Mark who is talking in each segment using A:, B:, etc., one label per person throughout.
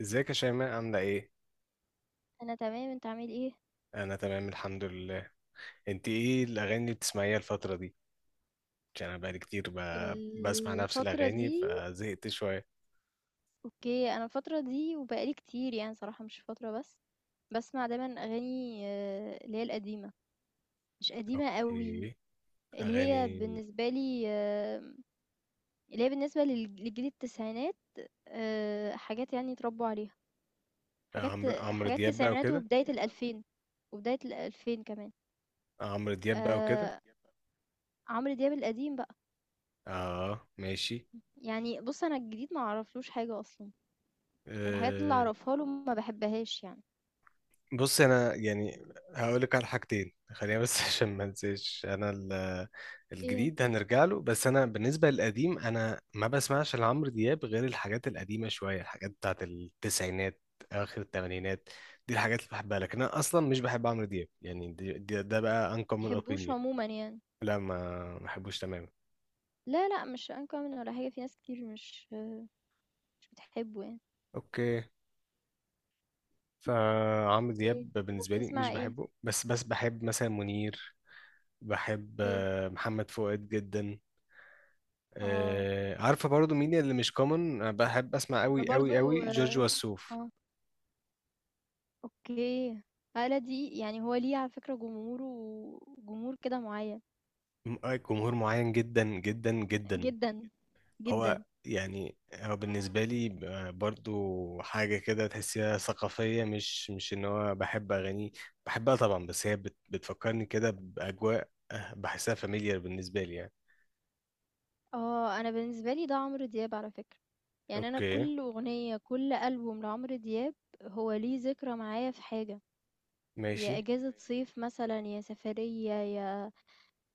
A: ازيك يا شيماء، عاملة ايه؟
B: أنا تمام، أنت عامل إيه؟
A: أنا تمام، الحمد لله. انت ايه الأغاني اللي بتسمعيها الفترة دي؟ عشان أنا بقالي كتير بسمع نفس
B: الفترة
A: الأغاني
B: دي.
A: فزهقت شوية.
B: أوكي، أنا الفترة دي وبقالي كتير، يعني صراحة مش فترة بس، بسمع دايما أغاني اللي هي القديمة. مش قديمة قوي،
A: اوكي.
B: اللي هي
A: أغاني
B: بالنسبة لي، اللي هي بالنسبة لجيل التسعينات. حاجات يعني اتربوا عليها. حاجات
A: عمرو
B: حاجات
A: دياب بقى
B: التسعينات
A: وكده.
B: وبداية الألفين، وبداية الألفين كمان.
A: عمرو دياب بقى وكده.
B: آه، عمرو دياب القديم بقى.
A: اه، ماشي.
B: يعني بص، أنا الجديد ما أعرفلوش حاجة أصلا، والحاجات اللي
A: آه،
B: أعرفها له ما بحبهاش يعني.
A: بص انا يعني هقول لك على حاجتين، خلينا بس عشان ما انساش، انا
B: ايه،
A: الجديد هنرجع له، بس انا بالنسبه للقديم انا ما بسمعش لعمرو دياب غير الحاجات القديمه شويه، الحاجات بتاعت التسعينات، اخر الثمانينات. دي الحاجات اللي بحبها، لكن انا اصلا مش بحب عمرو دياب يعني، ده بقى uncommon
B: تحبّوش
A: opinion.
B: عمومًا يعني.
A: لا، ما بحبوش تماما.
B: لا، لأ، مش uncommon ولا حاجة، في ناس كتير مش بتحبّه يعني.
A: اوكي. فعمرو
B: أوكي.
A: دياب
B: طب
A: بالنسبه لي مش
B: وبتسمع إيه؟
A: بحبه، بس بحب مثلا منير. بحب
B: أوكي.
A: محمد فؤاد جدا.
B: آه.
A: آه، عارفه برضو مين اللي مش كومن بحب اسمع
B: أنا
A: قوي قوي
B: برضه
A: قوي؟ جورج
B: آه.
A: وسوف.
B: آه. أوكي. آلة دي يعني هو ليه على فكرة جمهوره، جمهور كده معيّن،
A: جمهور معين جدا جدا جدا.
B: جدًا،
A: هو
B: جدًا.
A: يعني هو بالنسبه لي برضو حاجه كده تحسيها ثقافيه، مش ان هو بحب اغانيه، بحبها طبعا، بس هي بتفكرني كده باجواء، بحسها فاميليار بالنسبه لي يعني.
B: آه. أنا بالنسبة لي ده عمرو دياب على فكرة. يعني أنا
A: اوكي.
B: كل أغنية، كل ألبوم لعمرو دياب هو ليه ذكرى معايا في حاجة،
A: ماشي.
B: يا إجازة صيف مثلًا، يا سفرية، يا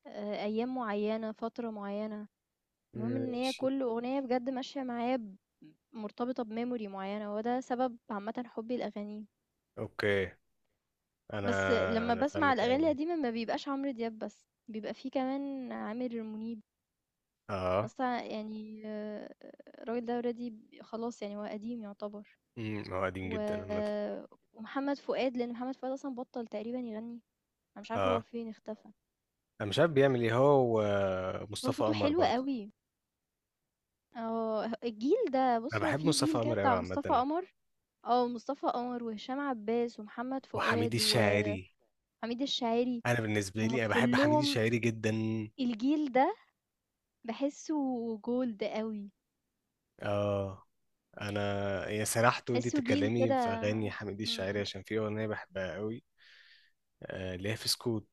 B: ايام معينة، فترة معينة. المهم ان هي
A: ماشي.
B: كل اغنية بجد ماشية معايا مرتبطة بميموري معينة، وده سبب عامة حبي الاغاني.
A: اوكي. انا
B: بس لما
A: انا
B: بسمع
A: فاهمك
B: الاغاني
A: قوي.
B: القديمة ما بيبقاش عمرو دياب بس، بيبقى فيه كمان عامر منيب.
A: اه.
B: بس يعني الراجل ده اوريدي خلاص، يعني هو قديم يعتبر.
A: هو قديم
B: و...
A: جدا عامه.
B: ومحمد فؤاد، لان محمد فؤاد اصلا بطل تقريبا يغني. انا مش عارفة هو
A: اه.
B: فين اختفى.
A: انا مش عارف بيعمل ايه هو.
B: هو
A: ومصطفى
B: صوته
A: قمر
B: حلو
A: برضه.
B: قوي. اه، الجيل ده
A: انا
B: بص، هو
A: بحب
B: في
A: مصطفى
B: جيل كده
A: قمر قوي
B: بتاع مصطفى
A: عامه.
B: قمر. مصطفى قمر وهشام عباس ومحمد
A: وحميد
B: فؤاد وحميد
A: الشاعري.
B: الشاعري.
A: انا بالنسبه
B: هُم
A: لي انا بحب حميد
B: كلّهم
A: الشاعري جدا.
B: الجيل ده باحسّه gold أوي،
A: اه. انا يا سرحت وانتي
B: باحسّه جيل
A: تتكلمي
B: كده.
A: في اغاني حميد الشاعري،
B: إمم.
A: عشان في اغنيه بحبها قوي. اللي هي في سكوت.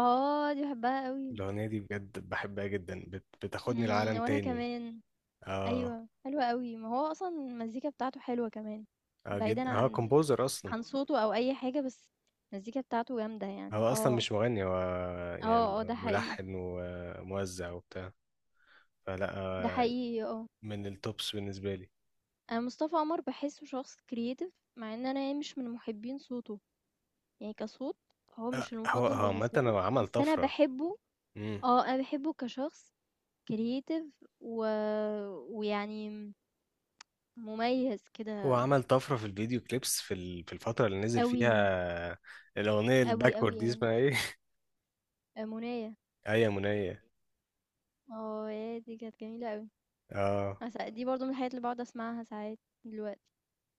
B: دي باحبها أوي.
A: الاغنيه دي بجد بحبها جدا، بتاخدني
B: إمم،
A: لعالم
B: وأنا
A: تاني.
B: كمان.
A: اه.
B: أيوه، حلوة أوي. ما هو أصلًا المزيكا بتاعته حلوة كمان،
A: اه
B: بعيدًا
A: جدا، هو
B: عن
A: كومبوزر اصلا.
B: عن صوته أو أي حاجة، بس المزيكا بتاعته جامدة يعني.
A: هو اصلا
B: آه،
A: مش مغني هو يعني،
B: آه، آه، ده حقيقي،
A: ملحن وموزع وبتاع. فلا،
B: ده حقيقي آه.
A: من التوبس بالنسبه لي.
B: أنا مصطفى عمر بحسه شخص كرييتيف، مع ان انا يعني مش من محبين صوته، يعني كصوت هو مش
A: هو
B: المفضل
A: هو عامة
B: بالنسبه
A: هو
B: لي،
A: عمل
B: بس انا
A: طفرة.
B: بحبه.
A: مم.
B: اه، انا بحبه كشخص كرييتيف. و... ويعني مميز
A: هو
B: كده،
A: عمل طفرة في الفيديو كليبس في الفترة اللي نزل
B: قوي
A: فيها. الأغنية
B: قوي قوي
A: الباكورد دي
B: يعني.
A: اسمها ايه؟
B: منايا.
A: آية منية.
B: اه، يا دي كانت جميله قوي.
A: اه،
B: دي برضو من الحاجات اللي بقعد اسمعها ساعات دلوقتي.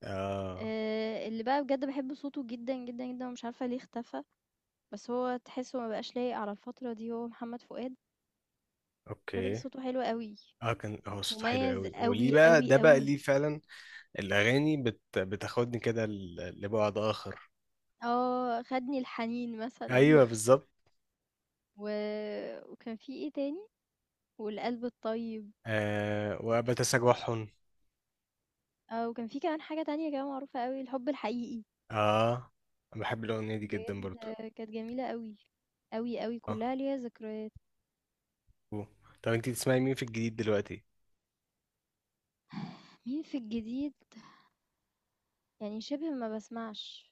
A: اه.
B: اللي بقى بجد بحب صوته جدا جدا جدا، ومش عارفه ليه اختفى. بس هو تحسه ما بقاش لايق على الفتره دي، هو محمد فؤاد. الراجل
A: اوكي.
B: صوته حلو أوي،
A: اه، كان هو صوته حلو
B: مميز
A: قوي، وليه
B: أوي،
A: بقى،
B: أوي،
A: ده بقى
B: أوي.
A: ليه فعلا؟ الأغاني بتاخدني كده لبعد آخر.
B: خدني الحنين مثلًا
A: أيوه، بالظبط.
B: و وكان في إيه تاني؟ والقلب الطيب،
A: وبتسامحهم.
B: وكان في كمان حاجة تانية كده معروفة أوي، الحب الحقيقي،
A: اه. أنا بحب الأغنية دي جدا
B: بجد
A: برضو.
B: كانت جميلة أوي، أوي، أوي،
A: اه.
B: كلها ليها ذكريات.
A: أوه. طب انتي بتسمعي مين في الجديد دلوقتي؟
B: مين في الجديد؟ يعني شبه ما باسمعش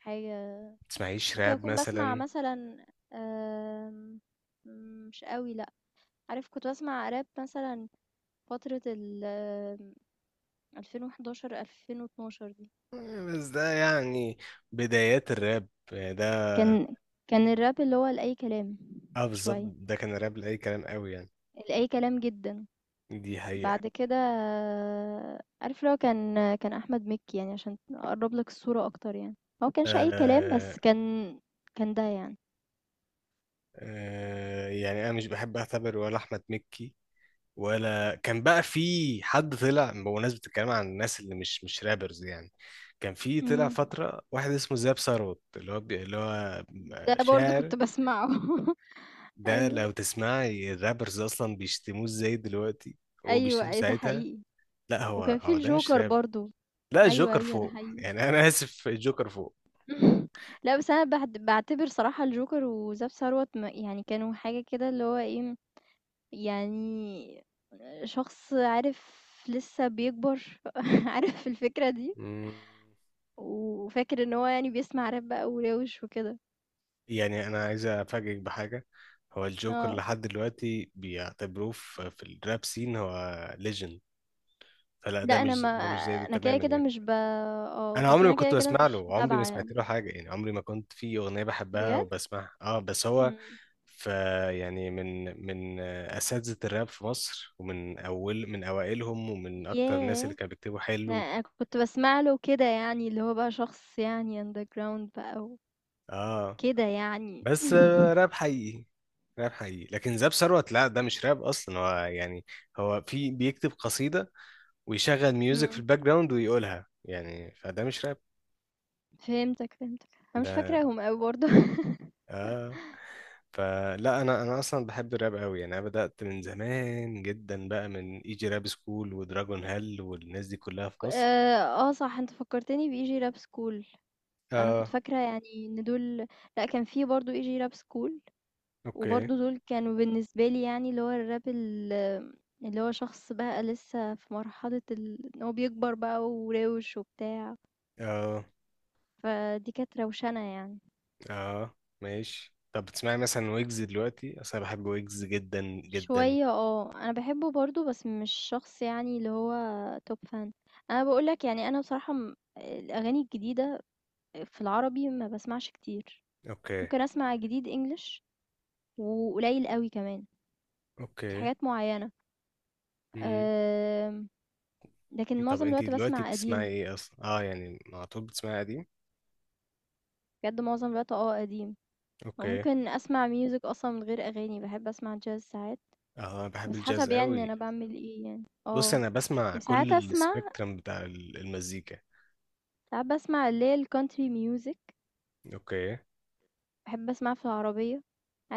B: حاجة،
A: بتسمعيش
B: ممكن
A: راب
B: أكون باسمع
A: مثلا؟
B: مثلًا، آمم، مش أوي لأ، عارف كنت باسمع راب مثلًا فترة ال 2011، 2012 دي،
A: بس ده يعني بدايات الراب يعني ده.
B: كان كان الراب اللي هو لأي كلام
A: اه، بالظبط،
B: شوية،
A: ده كان الراب لأي كلام قوي يعني.
B: لأي كلام جدا.
A: دي حقيقة.
B: بعد كده عارف لو كان أحمد مكي، يعني عشان أقرب لك الصورة أكتر، يعني هو كانش أي كلام
A: آه،
B: بس كان ده يعني.
A: آه. يعني أنا مش بحب أعتبر ولا أحمد مكي، ولا كان بقى في حد طلع بمناسبة الكلام عن الناس اللي مش رابرز يعني. كان في طلع
B: مم.
A: فترة واحد اسمه زياب ثروت، اللي هو
B: ده برضو
A: شاعر.
B: كنت بسمعه
A: ده
B: أيوه
A: لو تسمعي الرابرز أصلا بيشتموه ازاي دلوقتي،
B: أيوه
A: وبيشتموه
B: أي ده
A: ساعتها.
B: حقيقي.
A: لا، هو
B: وكان في
A: هو ده مش
B: الجوكر
A: راب.
B: برضو.
A: لا،
B: أيوه
A: الجوكر
B: أيوه ده
A: فوق
B: حقيقي.
A: يعني انا اسف، الجوكر فوق.
B: لا، بس أنا بعتبر صراحة الجوكر وزاب ثروت، يعني كانوا حاجة كده، اللي هو ايه، يعني شخص عارف لسه بيكبر عارف الفكرة دي.
A: مم.
B: وفاكر ان هو يعني بيسمع راب بقى وراوش وكده.
A: يعني انا عايز افاجئك بحاجه، هو الجوكر
B: اه،
A: لحد دلوقتي بيعتبروه في الراب سين هو ليجند. فلا،
B: لا
A: ده مش ده مش زي ده
B: انا كده
A: تماما
B: كده
A: يعني.
B: مش ب اه
A: انا
B: بس
A: عمري ما
B: انا كده
A: كنت
B: كده
A: بسمع
B: مش
A: له، عمري ما
B: متابعة
A: سمعت
B: يعني.
A: له حاجه يعني، عمري ما كنت في اغنيه بحبها
B: بجد.
A: وبسمعها، اه بس هو.
B: مم.
A: ف، يعني من اساتذه الراب في مصر، ومن اول من اوائلهم، ومن اكتر الناس اللي
B: ياه!
A: كانوا بيكتبوا
B: لا
A: حلو.
B: انا كنت بسمع له كده يعني، اللي هو بقى شخص يعني underground بقى،
A: اه.
B: وكده يعني.
A: بس راب حقيقي. راب حقيقي، لكن زاب ثروت لا ده مش راب اصلا هو يعني، هو في بيكتب قصيدة ويشغل ميوزك في
B: مم.
A: الباك جراوند ويقولها يعني، فده مش راب.
B: فهمتك فهمتك. انا مش
A: ده.
B: فاكراهم قوي برضه.
A: اه. فلا، انا اصلا بحب الراب قوي يعني، انا بدأت من زمان جدا بقى، من ايجي راب سكول ودراجون هال والناس دي كلها في مصر.
B: صح، انت فكرتني بيجي راب سكول. أنا كنت
A: اه.
B: فاكرة يعني إن دول، لأ كان في برضه EG rap school،
A: اوكي.
B: وبرضه دول كانوا بالنسبة لي يعني اللي هو الراب اللي هو شخص بقى لسه في مرحلة ال إن هو بيكبر بقى وراوش وبتاع.
A: اه،
B: فدي كانت روشنة يعني.
A: اه، ماشي. طب بتسمعي مثلا ويجز دلوقتي؟ اصلا بحب ويجز جدا جدا.
B: شوية، اه، أنا بحبه برضه بس مش شخص يعني اللي هو توب فان. أنا بقولك يعني أنا بصراحة الأغاني الجديدة في العربي ما بسمعش كتير.
A: اوكي.
B: ممكن أسمع جديد English، وقليل قوي كمان في
A: اوكي.
B: حاجات معينة. آمم، لكن
A: طب
B: معظم
A: انت
B: الوقت
A: دلوقتي
B: باسمع
A: بتسمعي
B: قديم.
A: ايه اصلا؟ اه، يعني على طول بتسمعي قديم؟
B: بجد معظم الوقت قديم. أو
A: اوكي.
B: ممكن أسمع music أصلًا من غير أغاني، باحب أسمع jazz ساعات،
A: اه، بحب
B: بس
A: الجاز
B: حسب يعني ان
A: قوي.
B: أنا باعمل إيه يعني،
A: بص انا بسمع كل
B: وساعات أسمع،
A: السبيكترم بتاع المزيكا.
B: ساعات باسمع اللي هي الcountry music،
A: اوكي.
B: باحب أسمعها في العربية.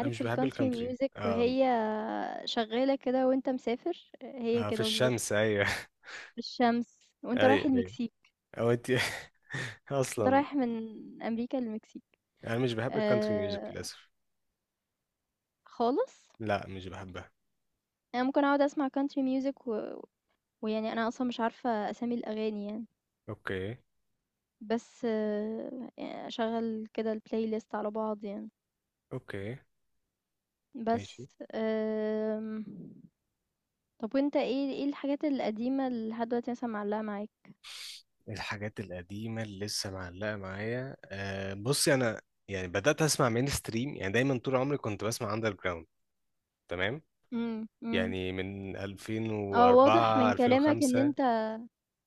A: انا مش بحب
B: الcountry
A: الكانتري
B: music
A: آه
B: وهي شغالة كده وأنت مسافر، هي
A: في
B: كده بالضبط،
A: الشمس، ايوه.
B: في الشمس وأنت رايح
A: ايوه، ايوه.
B: المكسيك،
A: او انت
B: وأنت
A: اصلا.
B: رايح من أمريكا للمكسيك.
A: انا مش بحب الكانتري ميوزك
B: آآ،
A: للاسف.
B: خالص.
A: لا، مش بحبها.
B: أنا ممكن أقعد أسمع country music، ويعني أنا أصلًا مش عارفة أسامي الأغاني يعني،
A: اوكي.
B: بس يعني أشغّل كده الplaylist على بعض يعني،
A: اوكي. ماشي.
B: بس طَب وأنت إيه الحاجات القديمة اللي لحد دلوقتي مثلًا معلّقة معاك؟
A: الحاجات القديمه اللي لسه معلقه معايا، بصي انا يعني بدات اسمع مين ستريم، يعني دايما طول عمري كنت بسمع اندر جراوند. تمام.
B: إمم، إمم،
A: يعني من
B: آه واضح
A: 2004
B: من كلامك إن
A: 2005.
B: أنت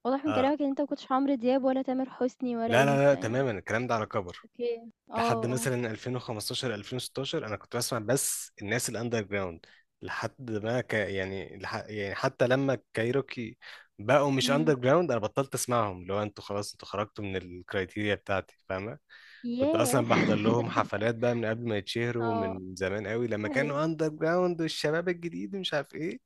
B: واضح من
A: اه.
B: كلامك إن أنت ما كنتش عمرو دياب ولا تامر حسني ولا
A: لا، لا، لا،
B: إليسا يعني.
A: تماما الكلام ده على كبر.
B: أوكي. آه،
A: لحد
B: آه،
A: مثلا 2015 2016 انا كنت بسمع بس الناس الاندر جراوند. لحد ما يعني يعني حتى لما كايروكي بقوا مش
B: إمم،
A: اندر جراوند، انا بطلت اسمعهم، لو انتوا خلاص انتوا خرجتوا من الكرايتيريا بتاعتي، فاهمه؟ كنت
B: ياه!
A: اصلا بحضر لهم حفلات بقى من قبل ما يتشهروا،
B: آه،
A: من زمان قوي لما
B: أيوه.
A: كانوا اندر جراوند والشباب الجديد ومش عارف ايه،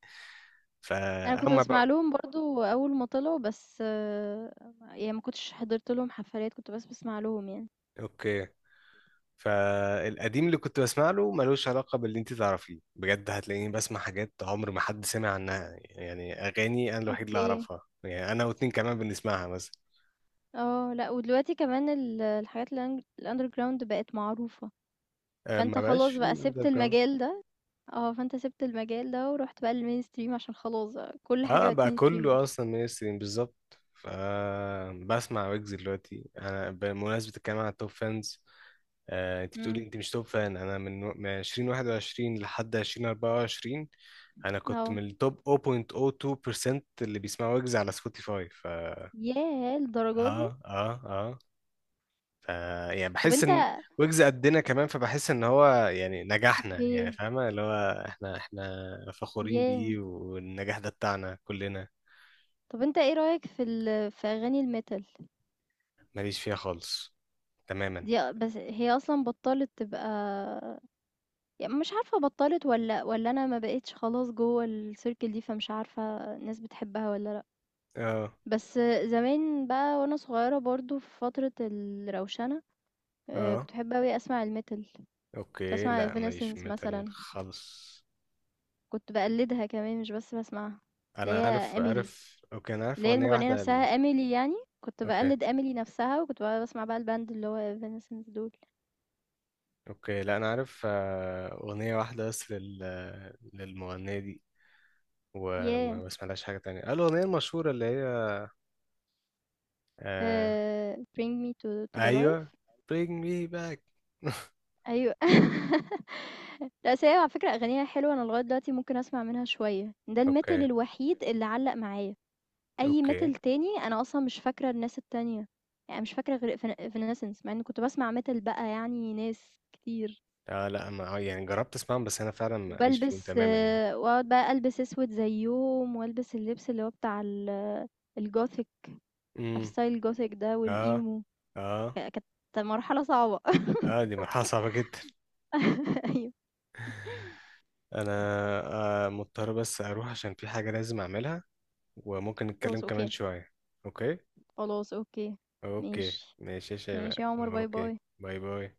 B: أنا كنت
A: فهم
B: باسمع
A: بقى.
B: لهم برضه أول ما طلعوا بس، يعني ما كنتش حضرت لهم حفلات، كنت بس باسمع لهم يعني.
A: اوكي. فالقديم اللي كنت بسمع له ملوش علاقة باللي انت تعرفيه، بجد هتلاقيني بسمع حاجات عمر ما حد سمع عنها، يعني أغاني أنا الوحيد اللي
B: أوكي.
A: أعرفها، يعني أنا واتنين كمان بنسمعها مثلا.
B: آه، لأ، ودلوقتي كمان الحاجات الأن الunderground بقت معروفة،
A: آه،
B: فأنت
A: ما بقاش
B: خلاص
A: في
B: بقى
A: أندر
B: سِبت
A: جراوند.
B: المجال ده. فأنت سِبت المجال ده ورُحت بقى للmainstream، عشان خلاص بقى كل حاجة
A: اه،
B: بقت
A: بقى
B: mainstream
A: كله
B: أصلًا.
A: أصلا مينستريم بالظبط. ف بسمع ويجز دلوقتي أنا، بمناسبة الكلام عن التوب فانز. آه، انت بتقولي
B: إمم.
A: انت مش توب فان، انا من 2021 لحد 2024. انا كنت
B: آه.
A: من التوب 0.02% اللي بيسمعوا ويجز على سبوتيفاي. ف
B: ياه! للدرجة
A: اه،
B: دي!
A: اه، اه. ف يعني
B: طب
A: بحس ان
B: أنت
A: ويجز قدنا كمان، فبحس ان هو يعني نجحنا يعني،
B: أوكي،
A: فاهمة، اللي هو احنا فخورين
B: ياه!
A: بيه، والنجاح ده بتاعنا كلنا.
B: طب أنت إيه رأيك في في أغاني الmetal؟
A: ماليش فيها خالص، تماما.
B: دي أ بس هي أصلًا بطّلت تبقى، مش عارفة بطّلت والّا أنا ما بقيتش خلاص جوّه الcircle دي، فمش عارفة الناس بتحبها والّا لأ.
A: اه،
B: بس زمان بقى وأنا صغيّرة برضه في فترة الروشنة،
A: اه.
B: كنت باحب أوي أسمع الmetal، كنت
A: اوكي،
B: باسمع
A: لا ماليش في
B: Evanescence
A: ميتال
B: مثلًا،
A: خالص.
B: كنت باقلّدها كمان مش بس باسمعها، اللي
A: انا
B: هي
A: عارف
B: Emily،
A: عارف اوكي، انا عارف
B: اللي هي
A: اغنية
B: المغنية
A: واحدة
B: نفسها Emily يعني، كنت
A: اوكي،
B: باقلّد Emily نفسها، وكنت بقى باسمع بقى الband اللي هو Evanescence دول.
A: اوكي، لا انا عارف، اغنية واحدة بس للمغنية دي، وما
B: ياه!
A: بسمعلهاش حاجة تانية، الاغنية المشهورة اللي هي، آه،
B: Bring Me to the Life.
A: ايوه bring me back.
B: أيوه. لأ، بس هي على فكرة أغانيها حلوة، أنا لغاية دلوقتي ممكن أسمع منها شوية. ده الmetal
A: اوكي،
B: الوحيد اللي علّق معايا، أي
A: اوكي.
B: metal تاني أنا أصلًا مش فاكرة الناس التانية، يعني مش فاكرة غير Evanescence، مع إني كنت باسمع metal بقى يعني ناس كتير،
A: اه، لا ما، يعني جربت اسمعهم، بس انا فعلا ماليش فيهم
B: وبالبس
A: تماما يعني.
B: وأقعد بقى ألبس أسود زيّهم، وألبس اللبس اللي هو بتاع الgothic. عارف
A: امم
B: style الgothic ده
A: اه،
B: والemo.
A: اه،
B: كانت مرحلة صعبة.
A: اه، دي مرحله صعبه جدا.
B: أيوه،
A: انا مضطر بس اروح عشان في حاجه لازم اعملها، وممكن نتكلم
B: خلاص
A: كمان
B: أوكي،
A: شويه. اوكي.
B: خلاص أوكي،
A: اوكي،
B: ماشي.
A: ماشي يا
B: ماشي
A: شباب،
B: يا عمر، باي
A: اوكي.
B: باي.
A: باي باي.